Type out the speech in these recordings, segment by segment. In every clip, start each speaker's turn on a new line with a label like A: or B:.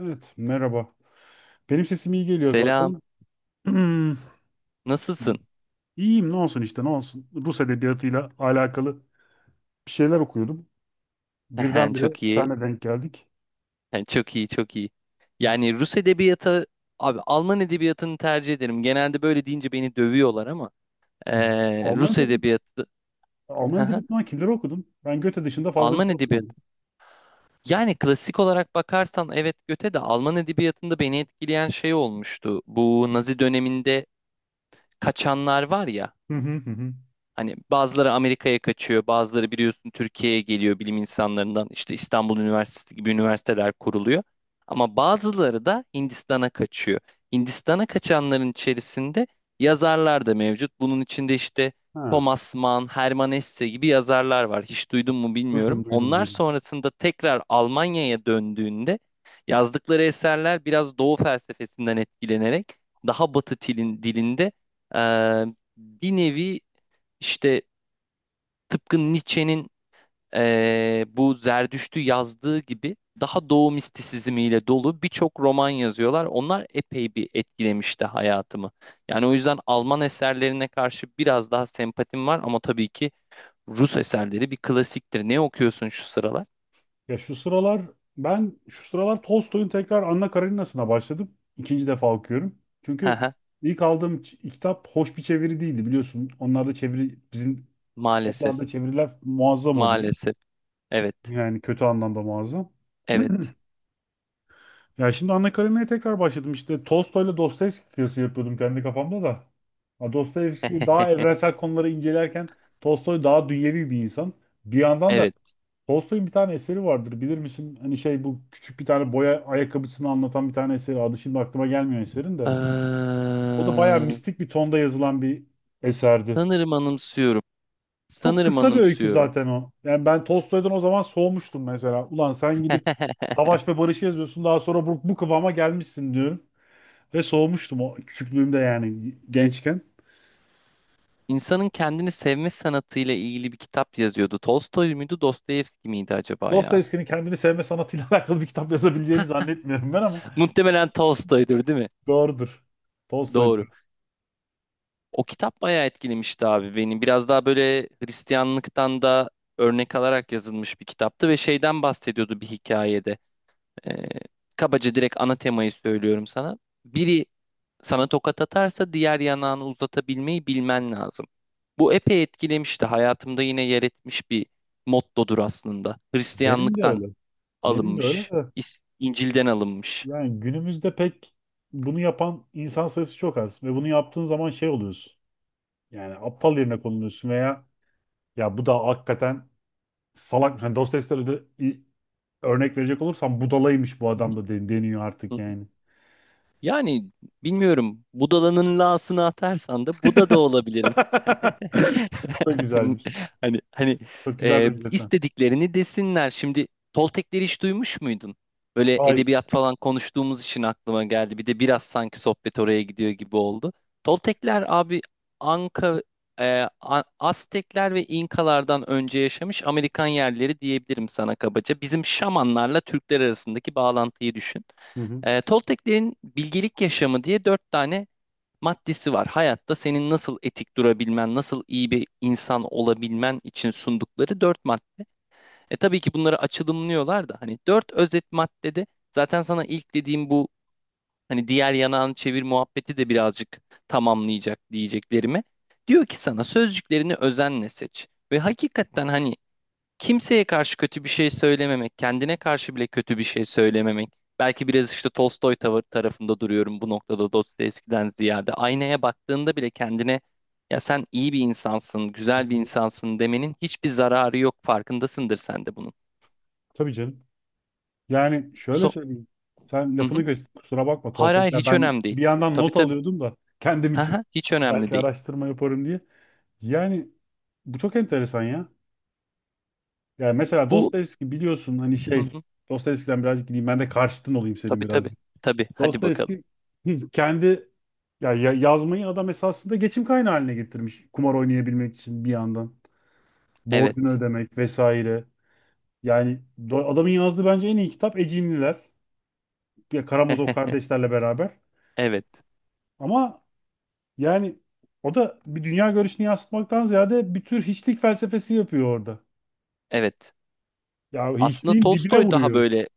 A: Evet, merhaba. Benim sesim iyi geliyor
B: Selam.
A: zaten. Hmm,
B: Nasılsın?
A: İyiyim, ne olsun işte, ne olsun. Rus edebiyatıyla alakalı bir şeyler okuyordum. Birdenbire
B: Çok iyi.
A: senle denk geldik.
B: Çok iyi, çok iyi. Yani Rus edebiyatı, abi Alman edebiyatını tercih ederim. Genelde böyle deyince beni dövüyorlar ama
A: Alman
B: Rus
A: edebiyatı,
B: edebiyatı,
A: Alman edebiyatından kimleri okudun? Ben Goethe dışında fazla bir
B: Alman
A: şey
B: edebiyatı.
A: okumadım.
B: Yani klasik olarak bakarsan evet göte de Alman edebiyatında beni etkileyen şey olmuştu. Bu Nazi döneminde kaçanlar var ya.
A: Hı hı hı. Hı.
B: Hani bazıları Amerika'ya kaçıyor, bazıları biliyorsun Türkiye'ye geliyor bilim insanlarından. İşte İstanbul Üniversitesi gibi üniversiteler kuruluyor. Ama bazıları da Hindistan'a kaçıyor. Hindistan'a kaçanların içerisinde yazarlar da mevcut. Bunun içinde işte
A: Ha,
B: Thomas Mann, Hermann Hesse gibi yazarlar var. Hiç duydun mu
A: duydum,
B: bilmiyorum.
A: duydum,
B: Onlar
A: duydum.
B: sonrasında tekrar Almanya'ya döndüğünde yazdıkları eserler biraz Doğu felsefesinden etkilenerek daha Batı dilinde eee, bir nevi işte tıpkı Nietzsche'nin bu Zerdüşt'ü yazdığı gibi daha doğu mistisizmiyle dolu birçok roman yazıyorlar. Onlar epey bir etkilemişti hayatımı. Yani o yüzden Alman eserlerine karşı biraz daha sempatim var ama tabii ki Rus eserleri bir klasiktir. Ne okuyorsun şu sıralar?
A: Ya şu sıralar, ben şu sıralar Tolstoy'un tekrar Anna Karenina'sına başladım. İkinci defa okuyorum.
B: Hı
A: Çünkü
B: hı.
A: ilk aldığım kitap hoş bir çeviri değildi biliyorsun. Onlar da çeviri bizim.
B: Maalesef,
A: Kitaplarda çeviriler muazzam oluyor.
B: maalesef. Evet,
A: Yani kötü anlamda muazzam.
B: evet,
A: Ya şimdi Anna Karenina'ya tekrar başladım. İşte Tolstoy'la Dostoyevski kıyası yapıyordum kendi kafamda da. Ha, Dostoyevski daha evrensel konuları incelerken Tolstoy daha dünyevi bir insan. Bir yandan da
B: evet.
A: Tolstoy'un bir tane eseri vardır. Bilir misin? Hani şey bu küçük bir tane boya ayakkabısını anlatan bir tane eseri. Adı şimdi aklıma gelmiyor eserin de.
B: Eee,
A: O da bayağı mistik bir tonda yazılan bir eserdi.
B: sanırım anımsıyorum.
A: Çok
B: Sanırım
A: kısa bir öykü
B: anımsıyorum.
A: zaten o. Yani ben Tolstoy'dan o zaman soğumuştum mesela. Ulan sen gidip Savaş ve Barış'ı yazıyorsun, daha sonra bu kıvama gelmişsin diyorum. Ve soğumuştum o küçüklüğümde, yani gençken.
B: İnsanın kendini sevme sanatıyla ilgili bir kitap yazıyordu. Tolstoy muydu, Dostoyevski miydi acaba ya?
A: Dostoyevski'nin kendini sevme sanatıyla alakalı bir kitap yazabileceğini zannetmiyorum ben, ama
B: Muhtemelen Tolstoy'dur, değil mi?
A: doğrudur.
B: Doğru.
A: Tolstoy'dur.
B: O kitap bayağı etkilemişti abi beni. Biraz daha böyle Hristiyanlıktan da örnek alarak yazılmış bir kitaptı ve şeyden bahsediyordu bir hikayede. Ee, kabaca direkt ana temayı söylüyorum sana. Biri sana tokat atarsa diğer yanağını uzatabilmeyi bilmen lazım. Bu epey etkilemişti. Hayatımda yine yer etmiş bir mottodur aslında.
A: Benim de
B: Hristiyanlıktan
A: öyle. Benim de öyle
B: alınmış.
A: de.
B: İncil'den alınmış.
A: Yani günümüzde pek bunu yapan insan sayısı çok az. Ve bunu yaptığın zaman şey oluyorsun. Yani aptal yerine konuluyorsun veya ya bu da hakikaten salak, hani Dostoyevski'de de örnek verecek olursam budalaymış bu
B: Hı
A: adam da deniyor
B: hı.
A: artık yani.
B: Yani bilmiyorum. Budala'nın la'sını atarsan da Buda da olabilirim.
A: Çok güzelmiş.
B: Hani
A: Çok güzel benzetme.
B: istediklerini desinler. Şimdi Toltekleri hiç duymuş muydun? Böyle
A: Hayır.
B: edebiyat falan konuştuğumuz için aklıma geldi. Bir de biraz sanki sohbet oraya gidiyor gibi oldu. Toltekler abi Anka, Aztekler ve İnkalardan önce yaşamış Amerikan yerleri diyebilirim sana kabaca. Bizim şamanlarla Türkler arasındaki bağlantıyı düşün.
A: Hı hı.
B: Tolteklerin bilgelik yaşamı diye dört tane maddesi var. Hayatta senin nasıl etik durabilmen, nasıl iyi bir insan olabilmen için sundukları dört madde. Tabii ki bunları açılımlıyorlar da hani dört özet maddede zaten sana ilk dediğim bu hani diğer yanağını çevir muhabbeti de birazcık tamamlayacak diyeceklerime. Diyor ki sana sözcüklerini özenle seç. Ve hakikaten hani kimseye karşı kötü bir şey söylememek, kendine karşı bile kötü bir şey söylememek. Belki biraz işte Tolstoy tavır tarafında duruyorum bu noktada Dostoyevski'den ziyade. Aynaya baktığında bile kendine ya sen iyi bir insansın,
A: Hı
B: güzel bir
A: hı.
B: insansın demenin hiçbir zararı yok. Farkındasındır sen de bunun.
A: Tabii canım. Yani şöyle
B: So
A: söyleyeyim. Sen
B: hı
A: lafını
B: hı.
A: göster. Kusura bakma
B: Hayır hayır
A: Toltekler.
B: hiç
A: Ben
B: önemli değil.
A: bir yandan
B: Tabii
A: not
B: tabii.
A: alıyordum da kendim
B: Hı
A: için,
B: hı, hiç önemli
A: belki
B: değil.
A: araştırma yaparım diye. Yani bu çok enteresan ya. Yani mesela
B: Bu
A: Dostoyevski, biliyorsun hani
B: hı
A: şey,
B: hı.
A: Dostoyevski'den birazcık gideyim. Ben de karşıtın olayım senin
B: Tabii tabii.
A: birazcık.
B: Tabii hadi bakalım.
A: Dostoyevski kendi yazmayı adam esasında geçim kaynağı haline getirmiş. Kumar oynayabilmek için bir yandan. Borcunu
B: Evet.
A: ödemek vesaire. Yani adamın yazdığı bence en iyi kitap Ecinliler. Ya Karamazov kardeşlerle beraber.
B: Evet.
A: Ama yani o da bir dünya görüşünü yansıtmaktan ziyade bir tür hiçlik felsefesi yapıyor orada.
B: Evet.
A: Ya
B: Aslında
A: hiçliğin dibine
B: Tolstoy daha
A: vuruyor.
B: böyle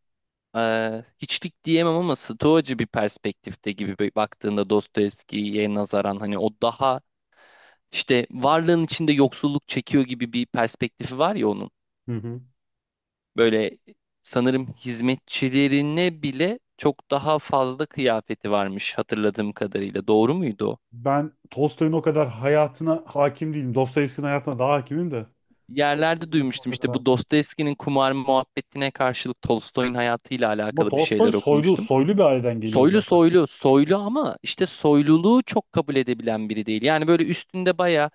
B: Hiçlik diyemem ama Stoacı bir perspektifte gibi baktığında Dostoyevski'ye nazaran hani o daha işte varlığın içinde yoksulluk çekiyor gibi bir perspektifi var ya onun.
A: Hı hı.
B: Böyle sanırım hizmetçilerine bile çok daha fazla kıyafeti varmış hatırladığım kadarıyla. Doğru muydu o?
A: Ben Tolstoy'un o kadar hayatına hakim değilim. Dostoyevski'nin hayatına daha hakimim de.
B: Yerlerde duymuştum işte bu Dostoyevski'nin kumar muhabbetine karşılık Tolstoy'un hayatıyla
A: Ama
B: alakalı bir
A: Tolstoy
B: şeyler
A: soylu,
B: okumuştum.
A: soylu bir aileden geliyor
B: Soylu
A: zaten.
B: soylu soylu ama işte soyluluğu çok kabul edebilen biri değil. Yani böyle üstünde baya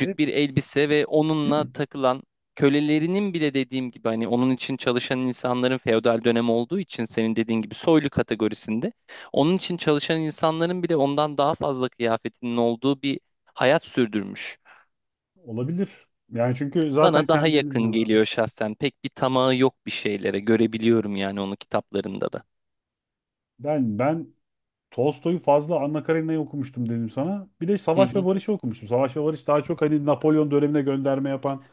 A: E,
B: bir elbise ve onunla takılan kölelerinin bile dediğim gibi hani onun için çalışan insanların feodal dönem olduğu için senin dediğin gibi soylu kategorisinde onun için çalışan insanların bile ondan daha fazla kıyafetinin olduğu bir hayat sürdürmüş.
A: olabilir. Yani çünkü zaten
B: Bana daha
A: kendilerinin
B: yakın
A: ne
B: geliyor
A: varmış.
B: şahsen. Pek bir tamahı yok bir şeylere. Görebiliyorum yani onu kitaplarında da.
A: Ben Tolstoy'u fazla, Anna Karenina'yı okumuştum dedim sana. Bir de
B: Hı
A: Savaş ve
B: hı,
A: Barış'ı okumuştum. Savaş ve Barış daha çok hani Napolyon dönemine gönderme yapan,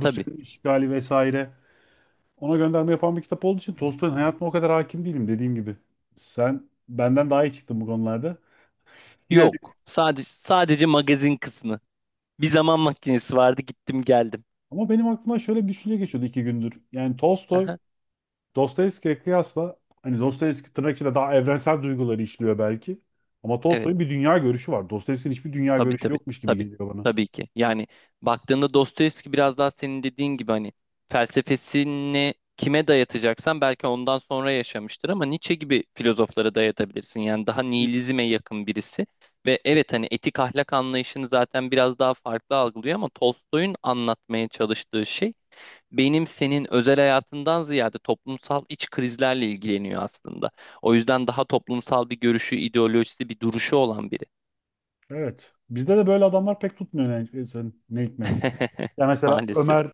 B: tabii.
A: işgali vesaire. Ona gönderme yapan bir kitap olduğu için Tolstoy'un hayatına o kadar hakim değilim, dediğim gibi. Sen benden daha iyi çıktın bu konularda. Yani
B: Yok. Sadece magazin kısmı. Bir zaman makinesi vardı, gittim geldim.
A: ama benim aklıma şöyle bir düşünce geçiyordu iki gündür. Yani Tolstoy
B: Aha,
A: Dostoyevski'ye kıyasla, hani Dostoyevski tırnak içinde daha evrensel duyguları işliyor belki. Ama
B: evet.
A: Tolstoy'un bir dünya görüşü var. Dostoyevski'nin hiçbir dünya
B: Tabii
A: görüşü
B: tabii.
A: yokmuş gibi
B: Tabii.
A: geliyor bana.
B: Tabii ki. Yani baktığında Dostoyevski biraz daha senin dediğin gibi hani felsefesini kime dayatacaksan belki ondan sonra yaşamıştır ama Nietzsche gibi filozoflara dayatabilirsin. Yani daha nihilizme yakın birisi ve evet hani etik ahlak anlayışını zaten biraz daha farklı algılıyor ama Tolstoy'un anlatmaya çalıştığı şey benim senin özel hayatından ziyade toplumsal iç krizlerle ilgileniyor aslında. O yüzden daha toplumsal bir görüşü, ideolojisi, bir duruşu olan biri.
A: Evet. Bizde de böyle adamlar pek tutmuyor, ne hikmetse. Ya mesela
B: Maalesef.
A: Ömer,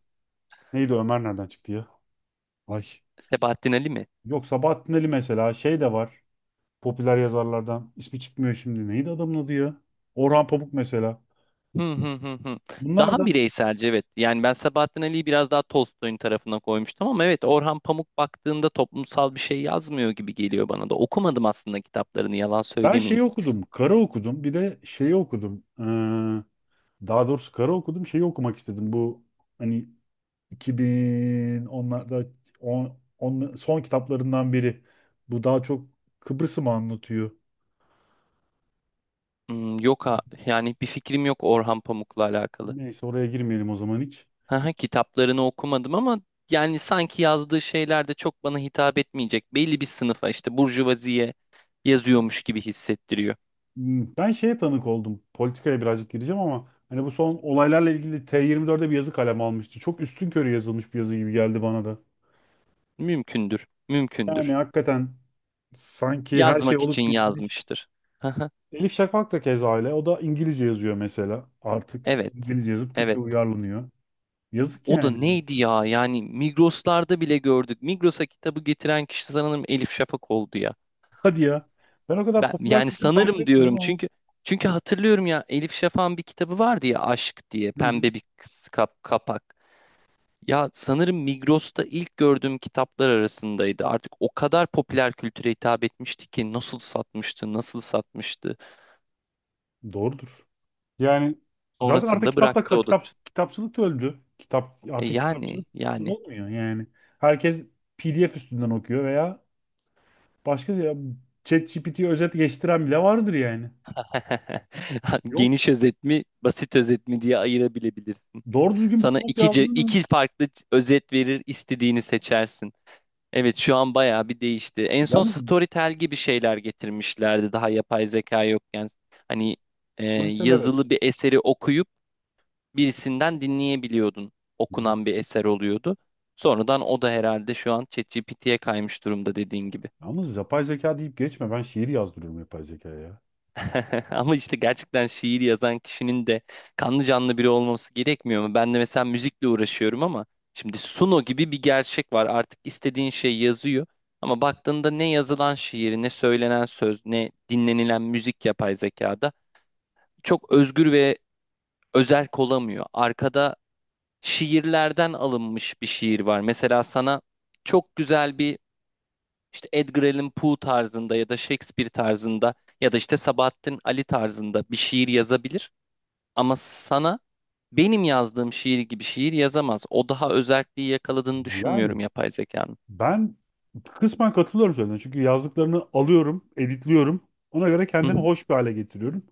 A: neydi Ömer, nereden çıktı ya? Ay.
B: Sebahattin Ali mi?
A: Yok Sabahattin Ali, mesela şey de var. Popüler yazarlardan. İsmi çıkmıyor şimdi. Neydi adamın adı ya? Orhan Pamuk mesela.
B: Hı hı hı hı.
A: Bunlar
B: Daha
A: da
B: bireyselce evet. Yani ben Sebahattin Ali'yi biraz daha Tolstoy'un tarafına koymuştum ama evet Orhan Pamuk baktığında toplumsal bir şey yazmıyor gibi geliyor bana da. Okumadım aslında kitaplarını yalan
A: ben
B: söylemeyeyim.
A: şeyi okudum. Kara okudum. Bir de şeyi okudum. Daha doğrusu kara okudum. Şeyi okumak istedim. Bu hani 2010'larda son kitaplarından biri. Bu daha çok Kıbrıs'ı mı anlatıyor?
B: Yok ha, yani bir fikrim yok Orhan Pamuk'la alakalı.
A: Neyse oraya girmeyelim o zaman hiç.
B: Haha, kitaplarını okumadım ama yani sanki yazdığı şeyler de çok bana hitap etmeyecek. Belli bir sınıfa işte burjuvaziye yazıyormuş gibi hissettiriyor.
A: Ben şeye tanık oldum. Politikaya birazcık gireceğim ama hani bu son olaylarla ilgili T24'de bir yazı kaleme almıştı. Çok üstünkörü yazılmış bir yazı gibi geldi bana da.
B: Mümkündür,
A: Yani
B: mümkündür.
A: hakikaten sanki her şey
B: Yazmak için
A: olup bitmiş.
B: yazmıştır. Haha,
A: Elif Şafak da keza öyle. O da İngilizce yazıyor mesela artık.
B: evet,
A: İngilizce yazıp Türkçe
B: evet.
A: uyarlanıyor. Yazık
B: O da
A: yani.
B: neydi ya? Yani Migros'larda bile gördük. Migros'a kitabı getiren kişi sanırım Elif Şafak oldu ya.
A: Hadi ya. Ben o kadar
B: Ben
A: popüler
B: yani
A: kültürü takip
B: sanırım diyorum
A: etmiyorum ama.
B: çünkü hatırlıyorum ya Elif Şafak'ın bir kitabı vardı ya Aşk diye
A: Hı hı.
B: pembe bir kapak. Ya sanırım Migros'ta ilk gördüğüm kitaplar arasındaydı. Artık o kadar popüler kültüre hitap etmişti ki nasıl satmıştı, nasıl satmıştı.
A: Doğrudur. Yani zaten artık
B: Sonrasında
A: kitapla
B: bıraktı o da.
A: kitap kitapçılık da öldü. Kitap
B: E
A: artık
B: yani,
A: kitapçılık
B: yani.
A: olmuyor yani. Herkes PDF üstünden okuyor veya başka, ya ChatGPT'ye özet geçtiren bile vardır yani. Yok.
B: Geniş özet mi, basit özet mi diye ayırabilebilirsin.
A: Doğru düzgün bir
B: Sana
A: prompt
B: iki, ce-
A: yazdın.
B: iki farklı özet verir, istediğini seçersin. Evet, şu an bayağı bir değişti. En son
A: Yalnız
B: Storytel gibi şeyler getirmişlerdi daha yapay zeka yokken. Hani
A: politel, evet.
B: yazılı bir eseri okuyup birisinden dinleyebiliyordun.
A: Hı hı.
B: Okunan bir eser oluyordu. Sonradan o da herhalde şu an ChatGPT'ye kaymış durumda dediğin gibi.
A: Yalnız yapay zeka deyip geçme. Ben şiir yazdırıyorum yapay zekaya ya.
B: Ama işte gerçekten şiir yazan kişinin de kanlı canlı biri olması gerekmiyor mu? Ben de mesela müzikle uğraşıyorum ama şimdi Suno gibi bir gerçek var. Artık istediğin şey yazıyor. Ama baktığında ne yazılan şiir, ne söylenen söz, ne dinlenilen müzik yapay zekada çok özgür ve özerk olamıyor. Arkada şiirlerden alınmış bir şiir var. Mesela sana çok güzel bir işte Edgar Allan Poe tarzında ya da Shakespeare tarzında ya da işte Sabahattin Ali tarzında bir şiir yazabilir. Ama sana benim yazdığım şiir gibi şiir yazamaz. O daha özelliği yakaladığını
A: Yani.
B: düşünmüyorum yapay zekanın.
A: Ben kısmen katılıyorum söylediğine. Çünkü yazdıklarını alıyorum, editliyorum. Ona göre
B: Hı hı.
A: kendimi hoş bir hale getiriyorum.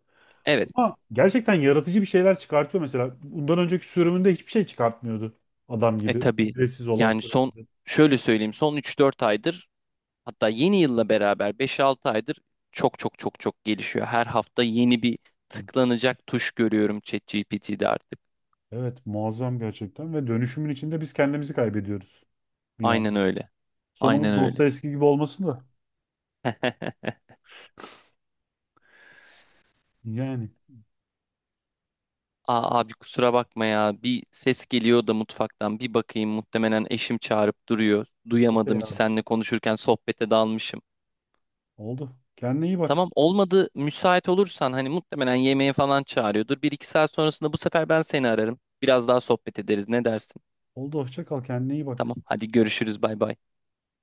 B: Evet.
A: Ama gerçekten yaratıcı bir şeyler çıkartıyor mesela. Bundan önceki sürümünde hiçbir şey çıkartmıyordu. Adam
B: E
A: gibi.
B: tabii.
A: Ücretsiz olan
B: Yani son
A: sürümünde.
B: şöyle söyleyeyim son 3-4 aydır. Hatta yeni yılla beraber 5-6 aydır çok çok çok çok gelişiyor. Her hafta yeni bir tıklanacak tuş görüyorum ChatGPT'de artık.
A: Evet, muazzam gerçekten. Ve dönüşümün içinde biz kendimizi kaybediyoruz bir
B: Aynen
A: anda.
B: öyle. Aynen
A: Sonumuz
B: öyle.
A: Dostoyevski gibi olmasın da. Yani.
B: Aa, abi kusura bakma ya. Bir ses geliyor da mutfaktan. Bir bakayım, muhtemelen eşim çağırıp duruyor.
A: Okey
B: Duyamadım hiç
A: abi.
B: seninle konuşurken sohbete dalmışım.
A: Oldu. Kendine iyi bak.
B: Tamam, olmadı müsait olursan hani muhtemelen yemeğe falan çağırıyordur. 1-2 saat sonrasında bu sefer ben seni ararım. Biraz daha sohbet ederiz ne dersin?
A: Oldu. Hoşça kal. Kendine iyi bak.
B: Tamam hadi görüşürüz bay bay.